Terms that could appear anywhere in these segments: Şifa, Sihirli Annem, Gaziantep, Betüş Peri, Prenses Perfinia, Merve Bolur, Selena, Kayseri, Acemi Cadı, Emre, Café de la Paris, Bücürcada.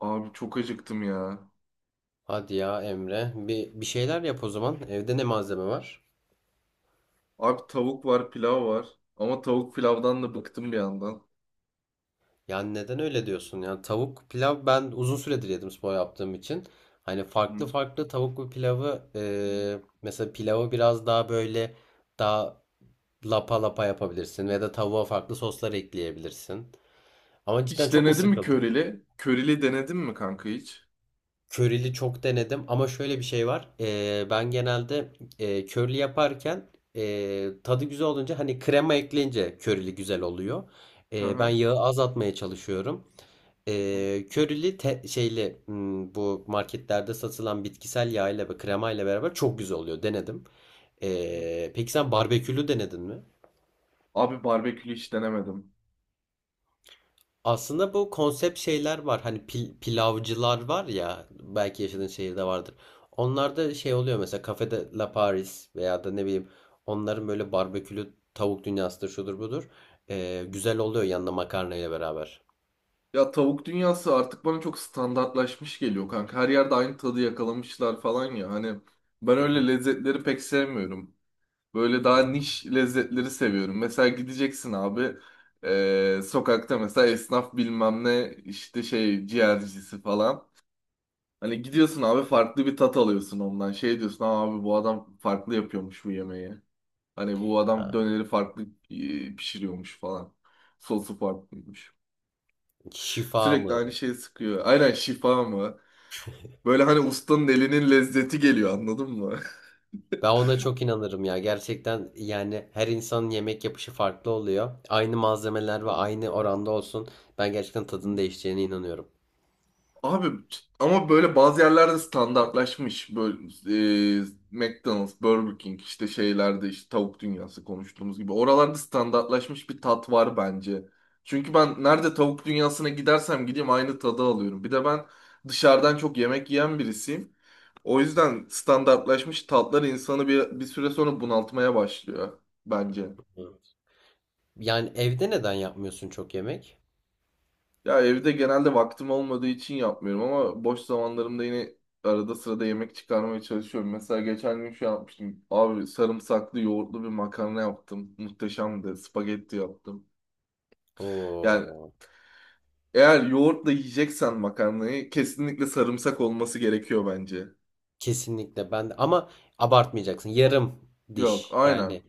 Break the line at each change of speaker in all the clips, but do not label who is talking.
Abi çok acıktım ya.
Hadi ya Emre. Bir şeyler yap o zaman. Evde ne malzeme var?
Abi tavuk var, pilav var. Ama tavuk pilavdan da bıktım bir yandan.
Yani neden öyle diyorsun? Yani tavuk pilav ben uzun süredir yedim spor yaptığım için. Hani
Hı.
farklı farklı tavuklu pilavı mesela pilavı biraz daha böyle daha lapa lapa yapabilirsin. Ya da tavuğa farklı soslar ekleyebilirsin. Ama cidden
Hiç
çok mu
denedin mi
sıkıldın?
körili? Körili denedin mi kanka hiç?
Curry'li çok denedim ama şöyle bir şey var. Ben genelde curly yaparken tadı güzel olunca hani krema ekleyince curry'li güzel oluyor.
Hı
Ben
hı.
yağı azaltmaya çalışıyorum.
Hı
Şeyli bu marketlerde satılan bitkisel yağ ile ve krema ile beraber çok güzel oluyor. Denedim.
hı.
Peki sen barbekülü denedin mi?
Abi barbekülü hiç denemedim.
Aslında bu konsept şeyler var. Hani
Hı.
pilavcılar var ya belki yaşadığın şehirde vardır. Onlarda şey oluyor, mesela Café de la Paris veya da ne bileyim onların böyle barbekülü tavuk dünyasıdır, şudur budur. Güzel oluyor yanında makarnayla beraber.
Ya tavuk dünyası artık bana çok standartlaşmış geliyor kanka. Her yerde aynı tadı yakalamışlar falan ya. Hani ben
Hı
öyle
hı.
lezzetleri pek sevmiyorum. Böyle
Hı.
daha niş lezzetleri seviyorum. Mesela gideceksin abi sokakta mesela esnaf bilmem ne işte şey ciğercisi falan. Hani gidiyorsun abi farklı bir tat alıyorsun ondan. Şey diyorsun "Aa abi bu adam farklı yapıyormuş bu yemeği. Hani bu adam
Ha.
döneri farklı pişiriyormuş falan. Sosu farklıymış.
Şifa
Sürekli
mı?
aynı şeyi sıkıyor. Aynen şifa mı? Böyle hani ustanın elinin lezzeti geliyor anladın mı?
Ben ona çok inanırım ya. Gerçekten yani her insanın yemek yapışı farklı oluyor. Aynı malzemeler ve aynı oranda olsun. Ben gerçekten tadının değişeceğine inanıyorum.
Abi ama böyle bazı yerlerde standartlaşmış. Böyle e, McDonald's, Burger King işte şeylerde işte tavuk dünyası konuştuğumuz gibi. Oralarda standartlaşmış bir tat var bence. Çünkü ben nerede tavuk dünyasına gidersem gideyim aynı tadı alıyorum. Bir de ben dışarıdan çok yemek yiyen birisiyim. O yüzden standartlaşmış tatlar insanı bir süre sonra bunaltmaya başlıyor bence.
Evet. Yani evde neden yapmıyorsun çok yemek?
Ya evde genelde vaktim olmadığı için yapmıyorum ama boş zamanlarımda yine arada sırada yemek çıkarmaya çalışıyorum. Mesela geçen gün şey yapmıştım. Abi sarımsaklı yoğurtlu bir makarna yaptım. Muhteşemdi. Spagetti yaptım. Yani
Oo,
eğer yoğurtla yiyeceksen makarnayı kesinlikle sarımsak olması gerekiyor bence.
kesinlikle ben de, ama abartmayacaksın. Yarım
Yok,
diş.
aynen.
Yani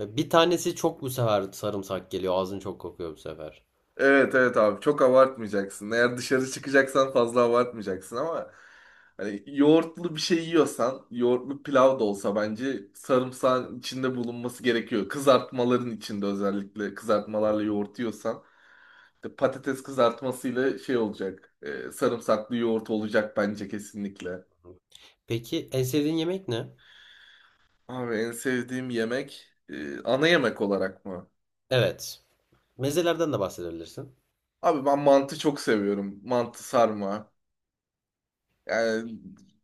bir tanesi çok, bu sefer sarımsak geliyor. Ağzın çok kokuyor bu sefer.
Evet evet abi çok abartmayacaksın. Eğer dışarı çıkacaksan fazla abartmayacaksın ama hani yoğurtlu bir şey yiyorsan yoğurtlu pilav da olsa bence sarımsağın içinde bulunması gerekiyor. Kızartmaların içinde özellikle kızartmalarla yoğurt yiyorsan işte patates kızartmasıyla şey olacak. Sarımsaklı yoğurt olacak bence kesinlikle.
Peki en sevdiğin yemek ne?
Abi en sevdiğim yemek ana yemek olarak mı?
Evet. Mezelerden de bahsedebilirsin.
Abi ben mantı çok seviyorum. Mantı sarma. Yani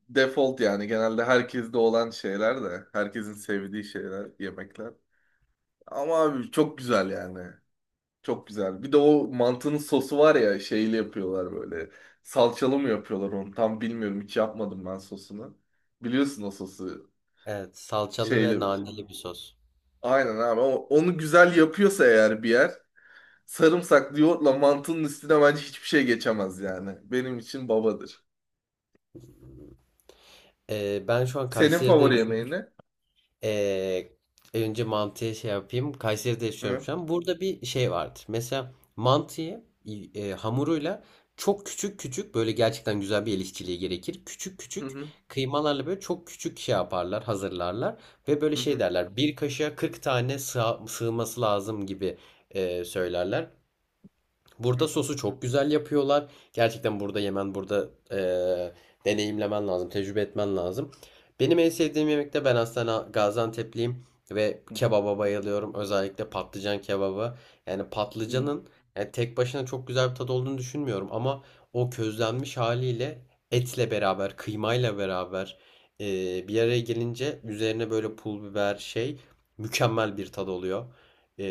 default yani genelde herkeste olan şeyler de herkesin sevdiği şeyler yemekler. Ama abi çok güzel yani. Çok güzel. Bir de o mantının sosu var ya şeyli yapıyorlar böyle. Salçalı mı yapıyorlar onu? Tam bilmiyorum. Hiç yapmadım ben sosunu. Biliyorsun o sosu.
Evet, salçalı ve
Şeyli.
naneli bir sos.
Aynen abi. Onu güzel yapıyorsa eğer bir yer sarımsaklı yoğurtla mantının üstüne bence hiçbir şey geçemez yani. Benim için babadır.
Ben şu an
Senin
Kayseri'de
favori
yaşıyorum.
yemeğin ne?
Ee, Önce mantıya şey yapayım. Kayseri'de yaşıyorum
Hı
şu an. Burada bir şey vardır. Mesela mantıyı hamuruyla çok küçük küçük böyle gerçekten güzel bir el işçiliği gerekir. Küçük küçük
hı
kıymalarla böyle çok küçük şey yaparlar, hazırlarlar ve böyle
hı
şey
hı.
derler. Bir kaşığa 40 tane sığması lazım gibi söylerler. Burada
Hı
sosu çok güzel yapıyorlar. Gerçekten burada yemen, burada deneyimlemen lazım, tecrübe etmen lazım. Benim en sevdiğim yemek de, ben aslında Gaziantep'liyim ve
hı. Hı.
kebaba bayılıyorum. Özellikle patlıcan kebabı. Yani
Hı.
patlıcanın, yani tek başına çok güzel bir tadı olduğunu düşünmüyorum ama o közlenmiş haliyle etle beraber, kıymayla beraber bir araya gelince üzerine böyle pul biber şey, mükemmel bir tad oluyor.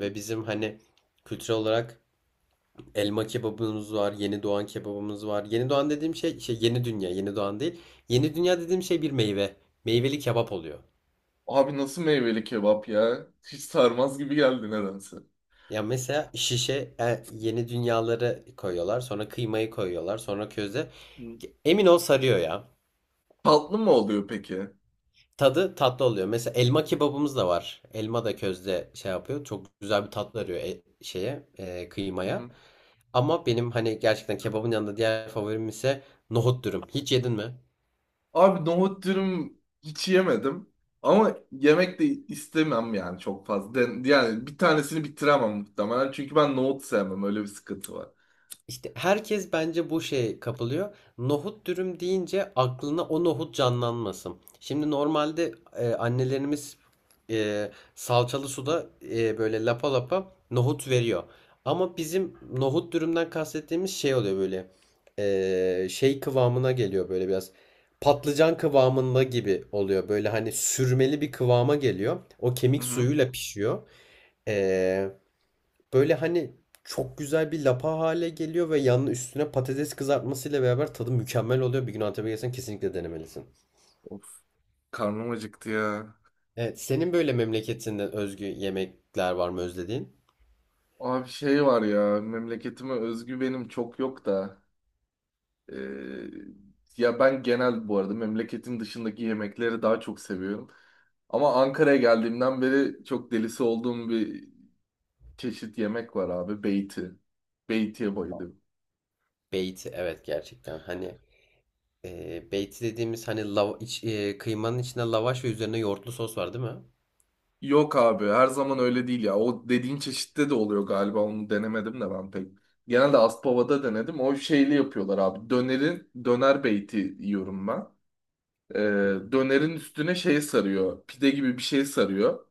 Ve bizim hani kültürel olarak elma kebabımız var, yeni doğan kebabımız var. Yeni doğan dediğim şey, şey, yeni dünya, yeni doğan değil. Yeni dünya dediğim şey bir meyve. Meyveli kebap oluyor.
Abi nasıl meyveli kebap ya? Hiç sarmaz gibi geldi nedense.
Ya mesela şişe yeni dünyaları koyuyorlar, sonra kıymayı koyuyorlar, sonra köze.
Hı.
Emin ol sarıyor ya.
Tatlı mı oluyor peki?
Tadı tatlı oluyor. Mesela elma kebabımız da var. Elma da közde şey yapıyor. Çok güzel bir tat veriyor şeye,
Hı
kıymaya.
hı.
Ama benim hani gerçekten kebabın yanında diğer favorim ise nohut dürüm. Hiç yedin mi?
Abi nohut dürüm hiç yemedim. Ama yemek de istemem yani çok fazla. Yani bir tanesini bitiremem muhtemelen. Çünkü ben nohut sevmem. Öyle bir sıkıntı var.
İşte herkes bence bu şeye kapılıyor. Nohut dürüm deyince aklına o nohut canlanmasın. Şimdi normalde annelerimiz salçalı suda böyle lapa lapa nohut veriyor. Ama bizim nohut dürümden kastettiğimiz şey oluyor, böyle şey kıvamına geliyor, böyle biraz patlıcan kıvamında gibi oluyor. Böyle hani sürmeli bir kıvama geliyor. O
Hı
kemik
hı.
suyuyla pişiyor. E, Böyle hani çok güzel bir lapa hale geliyor ve yanına üstüne patates kızartmasıyla beraber tadı mükemmel oluyor. Bir gün Antep'e gelsen kesinlikle denemelisin.
Of. Karnım acıktı ya.
Evet, senin böyle memleketinden özgü yemekler var mı özlediğin?
Abi şey var ya. Memleketime özgü benim çok yok da. Ee, ya ben genel bu arada memleketin dışındaki yemekleri daha çok seviyorum. Ama Ankara'ya geldiğimden beri çok delisi olduğum bir çeşit yemek var abi. Beyti. Beyti'ye bayılıyorum.
Beyti, evet, gerçekten. Hani beyti dediğimiz, hani lava, kıymanın içinde lavaş ve üzerine yoğurtlu sos var, değil mi?
Yok abi her zaman öyle değil ya. O dediğin çeşitte de oluyor galiba. Onu denemedim de ben pek. Genelde Aspava'da denedim. O şeyli yapıyorlar abi. Döner beyti yiyorum ben. Ee,
Hı hı.
dönerin üstüne şey sarıyor. Pide gibi bir şey sarıyor.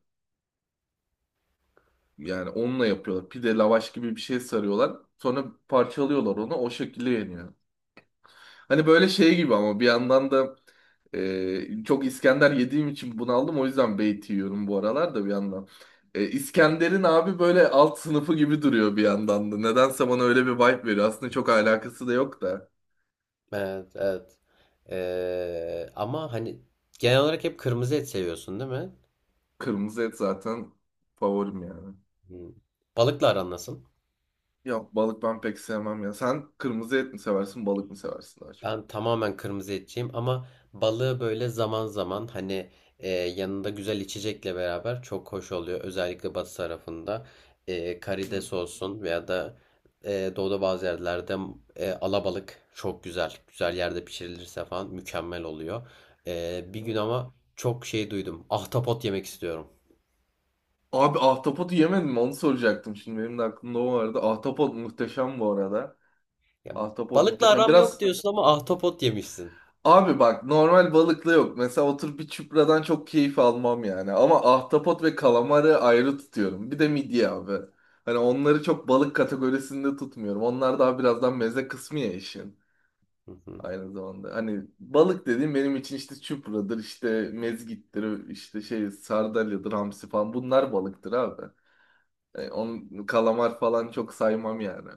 Yani onunla yapıyorlar. Pide lavaş gibi bir şey sarıyorlar. Sonra parçalıyorlar onu. O şekilde yeniyor. Hani böyle şey gibi ama bir yandan da çok İskender yediğim için bunaldım. O yüzden beyti yiyorum bu aralar da bir yandan. İskender'in abi böyle alt sınıfı gibi duruyor bir yandan da. Nedense bana öyle bir vibe veriyor. Aslında çok alakası da yok da.
Evet, evet. Ama hani genel olarak hep kırmızı et seviyorsun, değil mi?
Kırmızı et zaten favorim yani.
Hı. Balıkla aran nasıl?
Ya balık ben pek sevmem ya. Sen kırmızı et mi seversin, balık mı seversin daha çok?
Ben tamamen kırmızı etçiyim ama balığı böyle zaman zaman, hani yanında güzel içecekle beraber çok hoş oluyor. Özellikle batı tarafında
Hı.
karides olsun veya da doğuda bazı yerlerde alabalık çok güzel. Güzel yerde pişirilirse falan mükemmel oluyor. Bir gün
Hı.
ama çok şey duydum. Ahtapot yemek istiyorum.
Abi ahtapotu yemedim mi? Onu soracaktım şimdi. Benim de aklımda o vardı. Ahtapot muhteşem bu arada.
Ya,
Ahtapot
balıkla
muhteşem.
aram yok
Biraz
diyorsun ama ahtapot yemişsin.
abi bak normal balıkla yok. Mesela oturup bir çupradan çok keyif almam yani. Ama ahtapot ve kalamarı ayrı tutuyorum. Bir de midye abi. Hani onları çok balık kategorisinde tutmuyorum. Onlar daha birazdan meze kısmı ya işin.
Hı hı.
Aynı zamanda. Hani balık dediğim benim için işte çupradır, işte mezgittir, işte şey sardalyadır, hamsi falan. Bunlar balıktır abi. Onun kalamar falan çok saymam yani.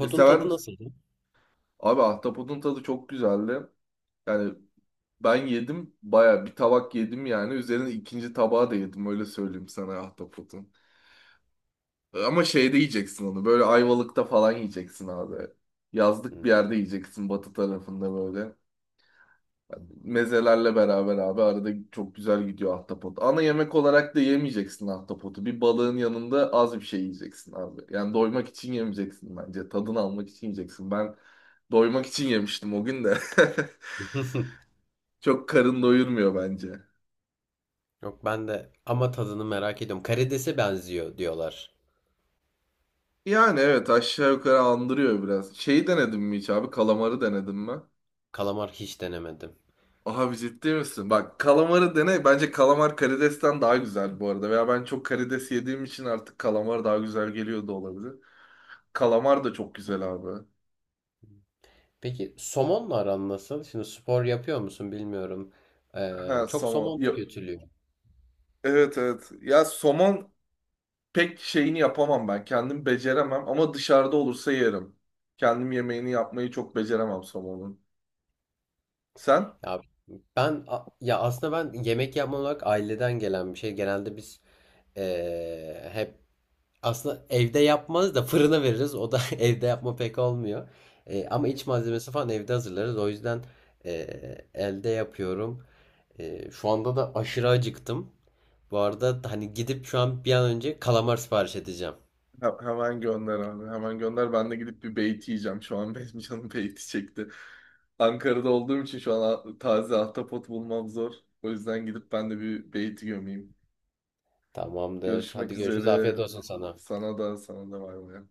E, sever
tadı
misin?
nasıldı?
Abi ahtapotun tadı çok güzeldi. Yani ben yedim baya bir tabak yedim yani. Üzerine ikinci tabağı da yedim öyle söyleyeyim sana ahtapotun. Ama şeyde yiyeceksin onu böyle Ayvalık'ta falan yiyeceksin abi. Yazlık
Hı.
bir yerde yiyeceksin batı tarafında böyle. Mezelerle beraber abi arada çok güzel gidiyor ahtapot. Ana yemek olarak da yemeyeceksin ahtapotu. Bir balığın yanında az bir şey yiyeceksin abi. Yani doymak için yemeyeceksin bence. Tadını almak için yiyeceksin. Ben doymak için yemiştim o gün de. Çok karın doyurmuyor bence.
Yok ben de, ama tadını merak ediyorum. Karidese benziyor diyorlar.
Yani evet aşağı yukarı andırıyor biraz. Şeyi denedin mi hiç abi? Kalamarı denedin mi?
Kalamar hiç denemedim.
Abi ciddi misin? Bak kalamarı dene. Bence kalamar karidesten daha güzel bu arada. Veya ben çok karides yediğim için artık kalamar daha güzel geliyor da olabilir. Kalamar da çok güzel abi.
Peki somonla aran nasıl? Şimdi spor yapıyor musun bilmiyorum.
Ha
Çok
somon.
somon
Ya-
tüketiliyor.
evet evet. Ya somon pek şeyini yapamam ben. Kendim beceremem ama dışarıda olursa yerim. Kendim yemeğini yapmayı çok beceremem somonun. Sen?
Ya ya aslında, ben yemek yapma olarak aileden gelen bir şey. Genelde biz hep aslında evde yapmaz da fırına veririz. O da evde yapma pek olmuyor. Ama
Hı.
iç malzemesi falan evde hazırlarız. O yüzden elde yapıyorum. Şu anda da aşırı acıktım. Bu arada hani gidip şu an bir an önce kalamar sipariş edeceğim.
Hemen gönder abi. Hemen gönder. Ben de gidip bir beyti yiyeceğim. Şu an benim canım beyti çekti. Ankara'da olduğum için şu an taze ahtapot bulmam zor. O yüzden gidip ben de bir beyti gömeyim.
Tamamdır.
Görüşmek
Hadi görüşürüz. Afiyet
üzere.
olsun sana.
Sana da sana da bay bay.